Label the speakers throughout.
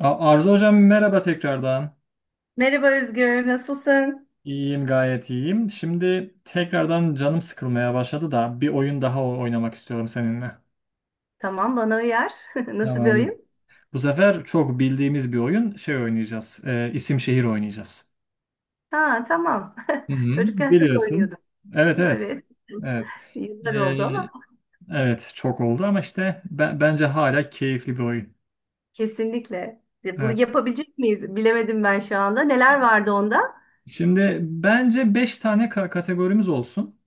Speaker 1: Arzu hocam merhaba tekrardan.
Speaker 2: Merhaba Özgür, nasılsın?
Speaker 1: İyiyim, gayet iyiyim. Şimdi tekrardan canım sıkılmaya başladı da bir oyun daha oynamak istiyorum seninle.
Speaker 2: Tamam, bana uyar. Nasıl bir
Speaker 1: Tamam.
Speaker 2: oyun?
Speaker 1: Bu sefer çok bildiğimiz bir oyun oynayacağız. İsim şehir oynayacağız.
Speaker 2: Ha, tamam.
Speaker 1: Hı hı,
Speaker 2: Çocukken çok
Speaker 1: biliyorsun.
Speaker 2: oynuyordum.
Speaker 1: Evet, evet.
Speaker 2: Evet.
Speaker 1: Evet. E,
Speaker 2: Yıllar oldu ama
Speaker 1: evet çok oldu ama işte bence hala keyifli bir oyun.
Speaker 2: kesinlikle. Bunu
Speaker 1: Evet.
Speaker 2: yapabilecek miyiz? Bilemedim ben şu anda. Neler vardı onda?
Speaker 1: Şimdi bence 5 tane kategorimiz olsun.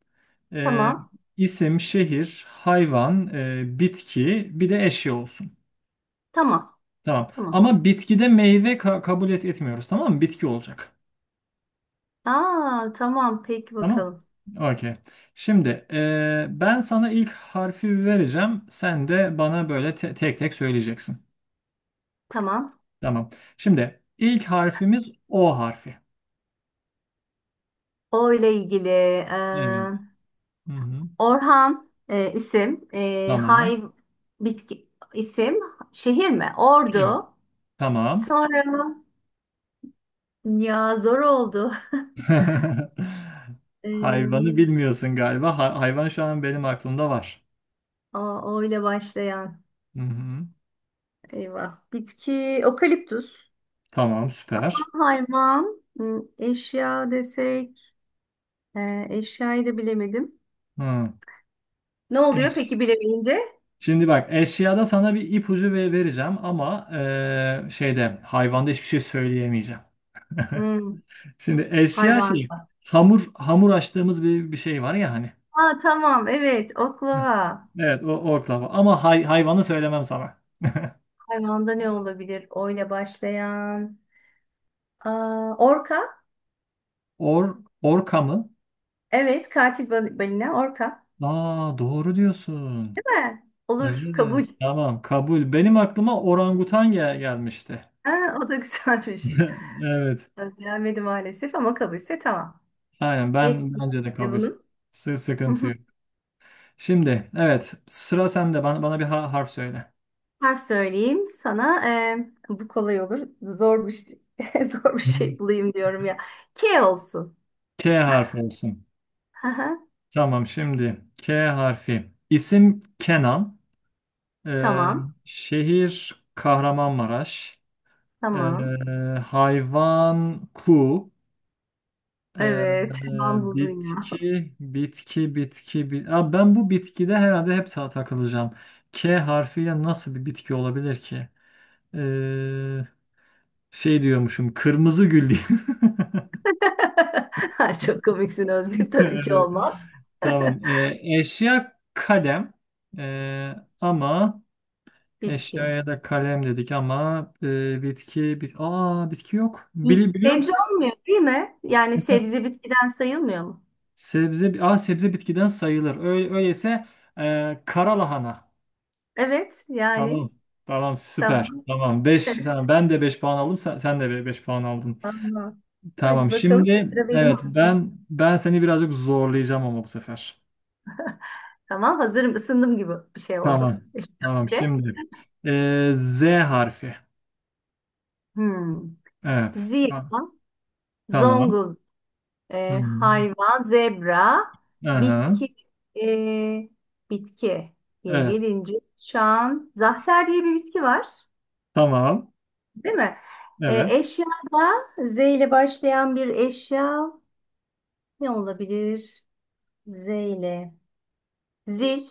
Speaker 1: Ee,
Speaker 2: Tamam.
Speaker 1: isim, şehir, hayvan, bitki, bir de eşya olsun.
Speaker 2: Tamam.
Speaker 1: Tamam.
Speaker 2: Tamam.
Speaker 1: Ama bitkide meyve kabul etmiyoruz, tamam mı? Bitki olacak.
Speaker 2: Aa, tamam. Peki
Speaker 1: Tamam.
Speaker 2: bakalım.
Speaker 1: Okey. Şimdi ben sana ilk harfi vereceğim. Sen de bana böyle tek tek söyleyeceksin.
Speaker 2: Tamam.
Speaker 1: Tamam. Şimdi ilk harfimiz O harfi.
Speaker 2: O ile ilgili
Speaker 1: Evet. Hı hı.
Speaker 2: Orhan isim, e,
Speaker 1: Tamam.
Speaker 2: hay bitki isim, şehir mi?
Speaker 1: Evet.
Speaker 2: Ordu.
Speaker 1: Tamam.
Speaker 2: Sonra ya zor oldu.
Speaker 1: Hayvanı
Speaker 2: Eee
Speaker 1: bilmiyorsun galiba. Hayvan şu an benim aklımda var.
Speaker 2: A, O ile başlayan.
Speaker 1: Hı hı.
Speaker 2: Eyvah. Bitki, okaliptüs.
Speaker 1: Tamam, süper.
Speaker 2: Hayvan, hmm, eşya desek. Eşyayı da bilemedim.
Speaker 1: Hı.
Speaker 2: Ne oluyor
Speaker 1: Eş-
Speaker 2: peki bilemeyince?
Speaker 1: Şimdi bak, eşyada sana bir ipucu vereceğim ama hayvanda hiçbir şey söyleyemeyeceğim.
Speaker 2: Hmm,
Speaker 1: Şimdi eşya
Speaker 2: hayvan.
Speaker 1: hamur açtığımız bir şey var ya hani.
Speaker 2: Aa, tamam evet
Speaker 1: Hı.
Speaker 2: oklava.
Speaker 1: Evet, o orklava ama hayvanı söylemem sana.
Speaker 2: Hayvanda ne olabilir? O ile başlayan. Aa, orka.
Speaker 1: Orka mı?
Speaker 2: Evet katil balina orka.
Speaker 1: Aa, doğru diyorsun.
Speaker 2: Değil mi? Olur kabul.
Speaker 1: Evet, tamam, kabul. Benim aklıma orangutan gelmişti.
Speaker 2: Ha, o da güzelmiş.
Speaker 1: Evet,
Speaker 2: Gelmedi maalesef ama kabulse tamam.
Speaker 1: aynen, ben
Speaker 2: Geçelim
Speaker 1: bence de
Speaker 2: şimdi
Speaker 1: kabul.
Speaker 2: bunu.
Speaker 1: Sıkıntı yok. Şimdi, evet, sıra sende, bana bir harf söyle.
Speaker 2: Harf söyleyeyim sana. Bu kolay olur. Zor bir şey, zor bir
Speaker 1: Hmm.
Speaker 2: şey bulayım diyorum ya. K olsun.
Speaker 1: K harfi olsun.
Speaker 2: Aha,
Speaker 1: Tamam, şimdi K harfi. İsim Kenan. Ee,
Speaker 2: tamam.
Speaker 1: Şehir Kahramanmaraş. Ee,
Speaker 2: Tamam.
Speaker 1: Hayvan ku. Ee,
Speaker 2: Evet. Tamam buldun ya.
Speaker 1: Bitki, bitki bitki bit aa, ben bu bitkide herhalde hep takılacağım. K harfiyle nasıl bir bitki olabilir ki? Ee, Şey diyormuşum, kırmızı gül diye.
Speaker 2: Ha, çok komiksin Özgür. Tabii ki olmaz.
Speaker 1: Tamam. Eşya kalem. Ee, ama
Speaker 2: Bitki.
Speaker 1: eşyaya da kalem dedik ama bitki bit aa, bitki yok. Biliyor
Speaker 2: Sebze
Speaker 1: musun?
Speaker 2: olmuyor değil mi? Yani sebze bitkiden sayılmıyor mu?
Speaker 1: Sebze, aa, sebze bitkiden sayılır. Öyleyse kara lahana.
Speaker 2: Evet. Yani.
Speaker 1: Tamam. Tamam, süper.
Speaker 2: Tamam.
Speaker 1: Tamam, 5 tamam, ben de 5 puan aldım. Sen de 5 puan aldın.
Speaker 2: Tamam.
Speaker 1: Tamam.
Speaker 2: Hadi bakalım.
Speaker 1: Şimdi,
Speaker 2: Sıra benim.
Speaker 1: evet, ben seni birazcık zorlayacağım ama bu sefer.
Speaker 2: Tamam hazırım ısındım gibi bir şey oldu.
Speaker 1: Tamam.
Speaker 2: İlk
Speaker 1: Tamam
Speaker 2: köfte.
Speaker 1: şimdi. Z harfi.
Speaker 2: Hmm.
Speaker 1: Evet.
Speaker 2: Ziya,
Speaker 1: Tamam.
Speaker 2: Zongul,
Speaker 1: Hmm.
Speaker 2: hayvan, zebra,
Speaker 1: Aha.
Speaker 2: bitki, e, bitki diye
Speaker 1: Evet.
Speaker 2: gelince şu an zahter diye bir bitki var.
Speaker 1: Tamam.
Speaker 2: Değil mi?
Speaker 1: Evet.
Speaker 2: E, eşyada Z ile başlayan bir eşya ne olabilir? Z ile. Zil.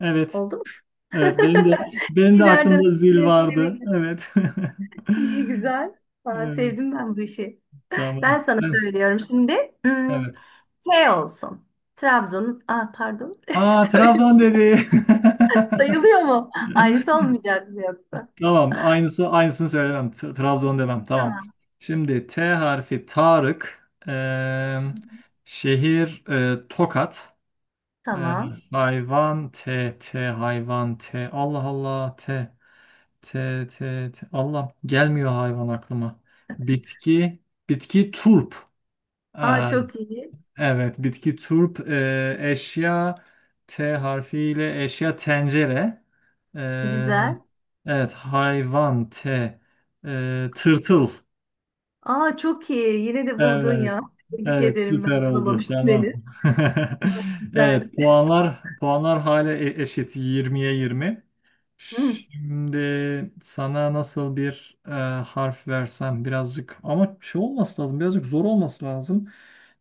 Speaker 1: Evet.
Speaker 2: Oldu mu?
Speaker 1: Evet. Benim de aklımda
Speaker 2: Nereden?
Speaker 1: zil
Speaker 2: Evet,
Speaker 1: vardı.
Speaker 2: evet.
Speaker 1: Evet.
Speaker 2: İyi güzel. Aa,
Speaker 1: Evet.
Speaker 2: sevdim ben bu işi.
Speaker 1: Tamam.
Speaker 2: Ben sana söylüyorum şimdi. Hmm,
Speaker 1: Evet.
Speaker 2: şey olsun. Trabzon'un, ah pardon.
Speaker 1: Aa,
Speaker 2: Söyle,
Speaker 1: Trabzon dedi.
Speaker 2: sayılıyor mu? Aynısı olmayacak mı yoksa?
Speaker 1: Tamam. Aynısını söylemem. Trabzon demem. Tamam.
Speaker 2: Tamam.
Speaker 1: Şimdi T harfi Tarık. Şehir Tokat. Eee,
Speaker 2: Tamam.
Speaker 1: hayvan T T hayvan T. Allah Allah T. T, Allah gelmiyor hayvan aklıma. Bitki, Bitki turp.
Speaker 2: Aa
Speaker 1: Aa,
Speaker 2: çok iyi.
Speaker 1: evet, bitki turp. Eşya, T harfiyle eşya tencere. Ee,
Speaker 2: Güzel.
Speaker 1: evet, hayvan T. Tırtıl.
Speaker 2: Aa çok iyi. Yine de buldun
Speaker 1: Evet.
Speaker 2: ya. Tebrik
Speaker 1: Evet,
Speaker 2: ederim ben
Speaker 1: süper oldu.
Speaker 2: bulamamıştım
Speaker 1: Tamam.
Speaker 2: henüz. Güzel.
Speaker 1: Evet, puanlar hala eşit, yirmiye 20.
Speaker 2: Hmm.
Speaker 1: Şimdi sana nasıl bir harf versem, birazcık ama şey olması lazım. Birazcık zor olması lazım.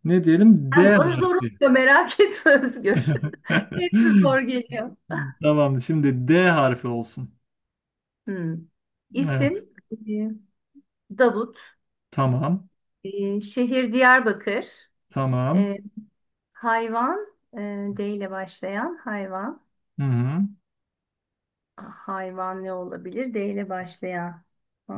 Speaker 1: Ne diyelim? D
Speaker 2: Sen bana zor
Speaker 1: harfi.
Speaker 2: oluyor merak etme Özgür. Hepsi zor geliyor.
Speaker 1: Tamam, şimdi D harfi olsun.
Speaker 2: Hmm.
Speaker 1: Evet.
Speaker 2: İsim Davut.
Speaker 1: Tamam.
Speaker 2: Şehir Diyarbakır.
Speaker 1: Tamam.
Speaker 2: Ee, Hayvan, e, D ile başlayan hayvan.
Speaker 1: Hı hı.
Speaker 2: Ah, hayvan ne olabilir? D ile başlayan.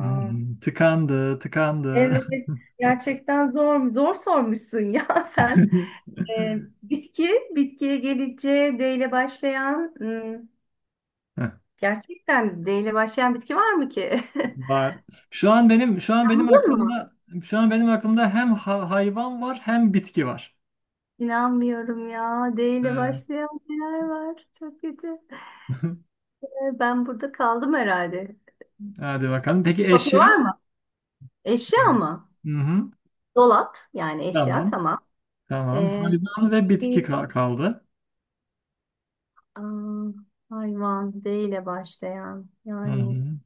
Speaker 1: Hı hı. Tıkandı.
Speaker 2: evet, gerçekten zor, zor sormuşsun ya sen. E, Bitki, bitkiye gelince D ile başlayan, hmm,
Speaker 1: Heh.
Speaker 2: gerçekten D ile başlayan bitki var mı ki?
Speaker 1: Var. Şu an benim
Speaker 2: Anladın mı?
Speaker 1: aklımda şu an benim aklımda hem hayvan var, hem bitki var.
Speaker 2: İnanmıyorum ya. D ile
Speaker 1: Ee,
Speaker 2: başlayan neler var? Çok kötü. Ben burada kaldım herhalde.
Speaker 1: Hadi bakalım. Peki
Speaker 2: Kopya
Speaker 1: eşya?
Speaker 2: var mı? Eşya mı?
Speaker 1: Hı-hı.
Speaker 2: Dolap, yani eşya
Speaker 1: Tamam.
Speaker 2: tamam.
Speaker 1: Tamam. Hayvan ve bitki
Speaker 2: Bitki
Speaker 1: kaldı.
Speaker 2: aa, hayvan D ile başlayan yani
Speaker 1: Hı-hı.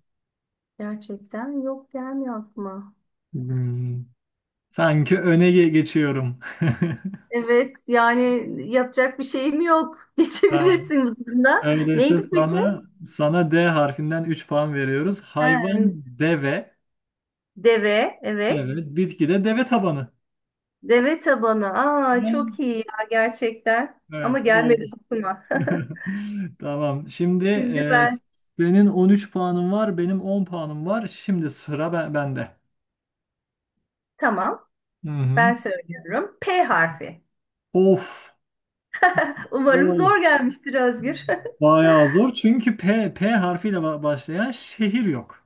Speaker 2: gerçekten yok gelmiyor aklıma.
Speaker 1: Hmm. Sanki öne geçiyorum.
Speaker 2: Evet yani yapacak bir şeyim yok.
Speaker 1: Tamam.
Speaker 2: Geçebilirsiniz bunda.
Speaker 1: Öyleyse
Speaker 2: Neydi peki?
Speaker 1: sana D harfinden 3 puan veriyoruz.
Speaker 2: Ha,
Speaker 1: Hayvan deve.
Speaker 2: deve evet.
Speaker 1: Evet. Bitki de deve tabanı.
Speaker 2: Deve tabanı. Aa
Speaker 1: Evet.
Speaker 2: çok iyi ya gerçekten. Ama
Speaker 1: Evet.
Speaker 2: gelmedi
Speaker 1: Oldu.
Speaker 2: aklıma.
Speaker 1: Tamam. Şimdi
Speaker 2: Şimdi ben
Speaker 1: senin 13 puanın var, benim 10 puanım var. Şimdi sıra bende.
Speaker 2: tamam
Speaker 1: Hı hı.
Speaker 2: ben söylüyorum. P harfi.
Speaker 1: Of.
Speaker 2: Umarım
Speaker 1: Vay.
Speaker 2: zor gelmiştir Özgür.
Speaker 1: Bayağı zor, çünkü P harfiyle başlayan şehir yok.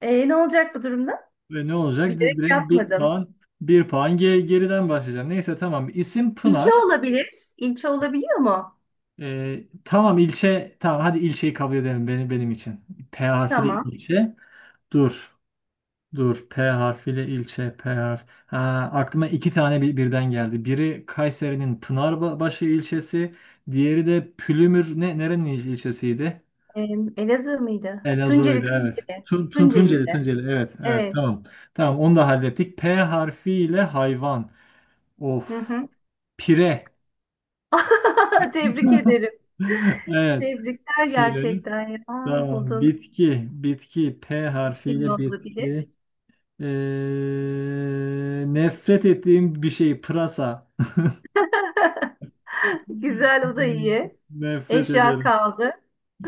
Speaker 2: Ne olacak bu durumda?
Speaker 1: Ve ne olacak?
Speaker 2: Bilerek
Speaker 1: Direkt bir
Speaker 2: yapmadım.
Speaker 1: puan, bir puan geriden başlayacağım. Neyse, tamam. İsim
Speaker 2: İlçe
Speaker 1: Pınar.
Speaker 2: olabilir. İlçe olabiliyor mu?
Speaker 1: E, tamam, ilçe. Tamam, hadi ilçeyi kabul edelim benim için. P harfiyle
Speaker 2: Tamam.
Speaker 1: ilçe. Dur. Dur, P harfiyle ilçe, P harf. Ha, aklıma iki tane birden geldi. Biri Kayseri'nin Pınarbaşı ilçesi, diğeri de Pülümür nerenin ilçesiydi?
Speaker 2: Ee, Elazığ mıydı?
Speaker 1: Elazığ'ydı, evet.
Speaker 2: Tunceli.
Speaker 1: Tunceli,
Speaker 2: Tunceli'de.
Speaker 1: Tunceli, evet, evet,
Speaker 2: Evet.
Speaker 1: tamam. Tamam, onu da hallettik. P harfiyle hayvan.
Speaker 2: Hı
Speaker 1: Of,
Speaker 2: hı.
Speaker 1: pire.
Speaker 2: Tebrik ederim.
Speaker 1: Evet,
Speaker 2: Tebrikler
Speaker 1: pire.
Speaker 2: gerçekten ya. Aa,
Speaker 1: Tamam,
Speaker 2: buldun.
Speaker 1: bitki, P
Speaker 2: Etkili
Speaker 1: harfiyle
Speaker 2: olabilir.
Speaker 1: bitki. Ee, Nefret ettiğim bir şey, pırasa.
Speaker 2: Güzel o da iyi.
Speaker 1: Nefret
Speaker 2: Eşya
Speaker 1: ederim.
Speaker 2: kaldı.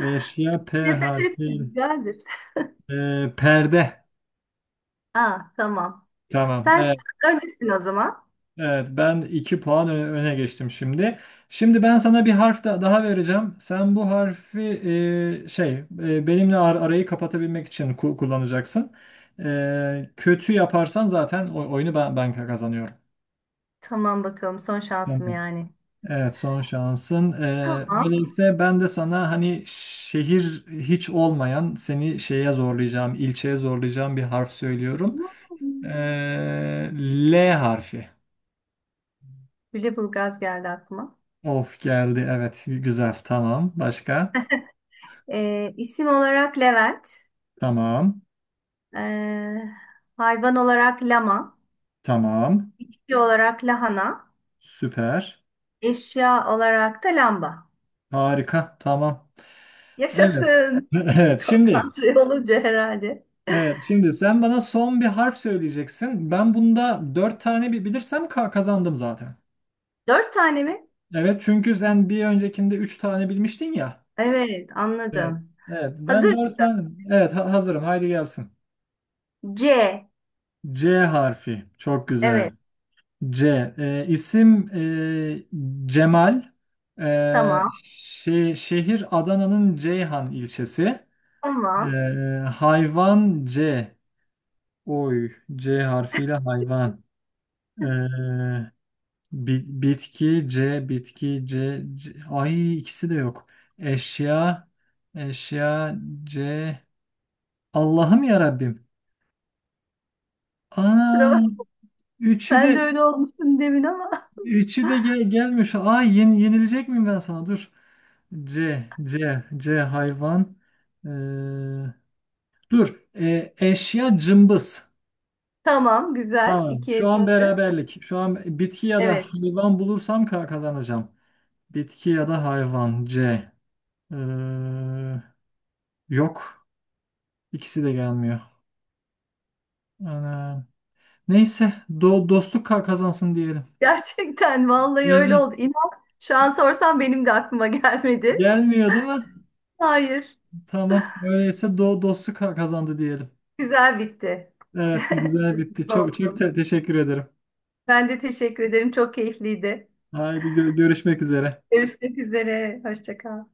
Speaker 1: Eşya P
Speaker 2: Nefes etme
Speaker 1: harfi.
Speaker 2: güzeldir.
Speaker 1: Perde.
Speaker 2: Aa, tamam.
Speaker 1: Tamam.
Speaker 2: Sen şu
Speaker 1: Evet,
Speaker 2: an öndesin o zaman.
Speaker 1: evet. Ben iki puan öne geçtim şimdi. Şimdi ben sana bir harf daha vereceğim. Sen bu harfi e, şey benimle arayı kapatabilmek için kullanacaksın. E, kötü yaparsan zaten oyunu ben kazanıyorum.
Speaker 2: Tamam bakalım son şansım yani.
Speaker 1: Evet, son şansın.
Speaker 2: Tamam.
Speaker 1: Böylelikle ben de sana, hani şehir hiç olmayan, seni şeye zorlayacağım, ilçeye zorlayacağım bir harf söylüyorum.
Speaker 2: Hmm.
Speaker 1: Ee, L harfi.
Speaker 2: Lüleburgaz geldi aklıma.
Speaker 1: Of, geldi, evet, güzel, tamam. Başka?
Speaker 2: İsim olarak Levent,
Speaker 1: Tamam.
Speaker 2: ee, hayvan olarak lama,
Speaker 1: Tamam.
Speaker 2: bitki olarak lahana,
Speaker 1: Süper.
Speaker 2: eşya olarak da lamba.
Speaker 1: Harika, tamam. Evet.
Speaker 2: Yaşasın.
Speaker 1: Evet şimdi.
Speaker 2: Konsantre olunca herhalde.
Speaker 1: Evet, şimdi sen bana son bir harf söyleyeceksin. Ben bunda dört tane bilirsem kazandım zaten.
Speaker 2: Dört tane mi?
Speaker 1: Evet, çünkü sen bir öncekinde 3 tane bilmiştin ya.
Speaker 2: Evet,
Speaker 1: Evet.
Speaker 2: anladım.
Speaker 1: Evet, ben
Speaker 2: Hazır
Speaker 1: 4
Speaker 2: mısın?
Speaker 1: tane. Evet, hazırım, haydi gelsin.
Speaker 2: C.
Speaker 1: C harfi çok güzel.
Speaker 2: Evet,
Speaker 1: İsim Cemal. E,
Speaker 2: tamam.
Speaker 1: şehir Adana'nın Ceyhan ilçesi. E,
Speaker 2: Tamam.
Speaker 1: Hayvan C. Oy, C harfiyle hayvan. E, Bitki C, bitki C, C. Ay, ikisi de yok. Eşya, Eşya C. Allah'ım ya Rabbim.
Speaker 2: Sıra
Speaker 1: Aa,
Speaker 2: bak.
Speaker 1: üçü
Speaker 2: Ben de
Speaker 1: de
Speaker 2: öyle olmuştum demin ama.
Speaker 1: üçü de gelmiyor şu. Ay, yenilecek miyim ben sana? Dur. C, C hayvan. Ee, Dur. Eşya cımbız.
Speaker 2: Tamam, güzel.
Speaker 1: Tamam. Şu
Speaker 2: İkiye
Speaker 1: an
Speaker 2: düştü.
Speaker 1: beraberlik. Şu an bitki ya da
Speaker 2: Evet.
Speaker 1: hayvan bulursam kazanacağım. Bitki ya da hayvan C. Ee, Yok. İkisi de gelmiyor. Ana. Neyse. Dostluk kazansın diyelim.
Speaker 2: Gerçekten vallahi öyle
Speaker 1: Yani
Speaker 2: oldu. İnan şu an sorsam benim de aklıma gelmedi.
Speaker 1: gelmiyor, değil mi?
Speaker 2: Hayır.
Speaker 1: Tamam. Öyleyse dostluk kazandı diyelim.
Speaker 2: Güzel bitti.
Speaker 1: Evet, güzel bitti.
Speaker 2: Mutlu
Speaker 1: Çok çok
Speaker 2: oldum.
Speaker 1: teşekkür ederim.
Speaker 2: Ben de teşekkür ederim. Çok keyifliydi.
Speaker 1: Haydi görüşmek üzere.
Speaker 2: Görüşmek üzere. Hoşça kal.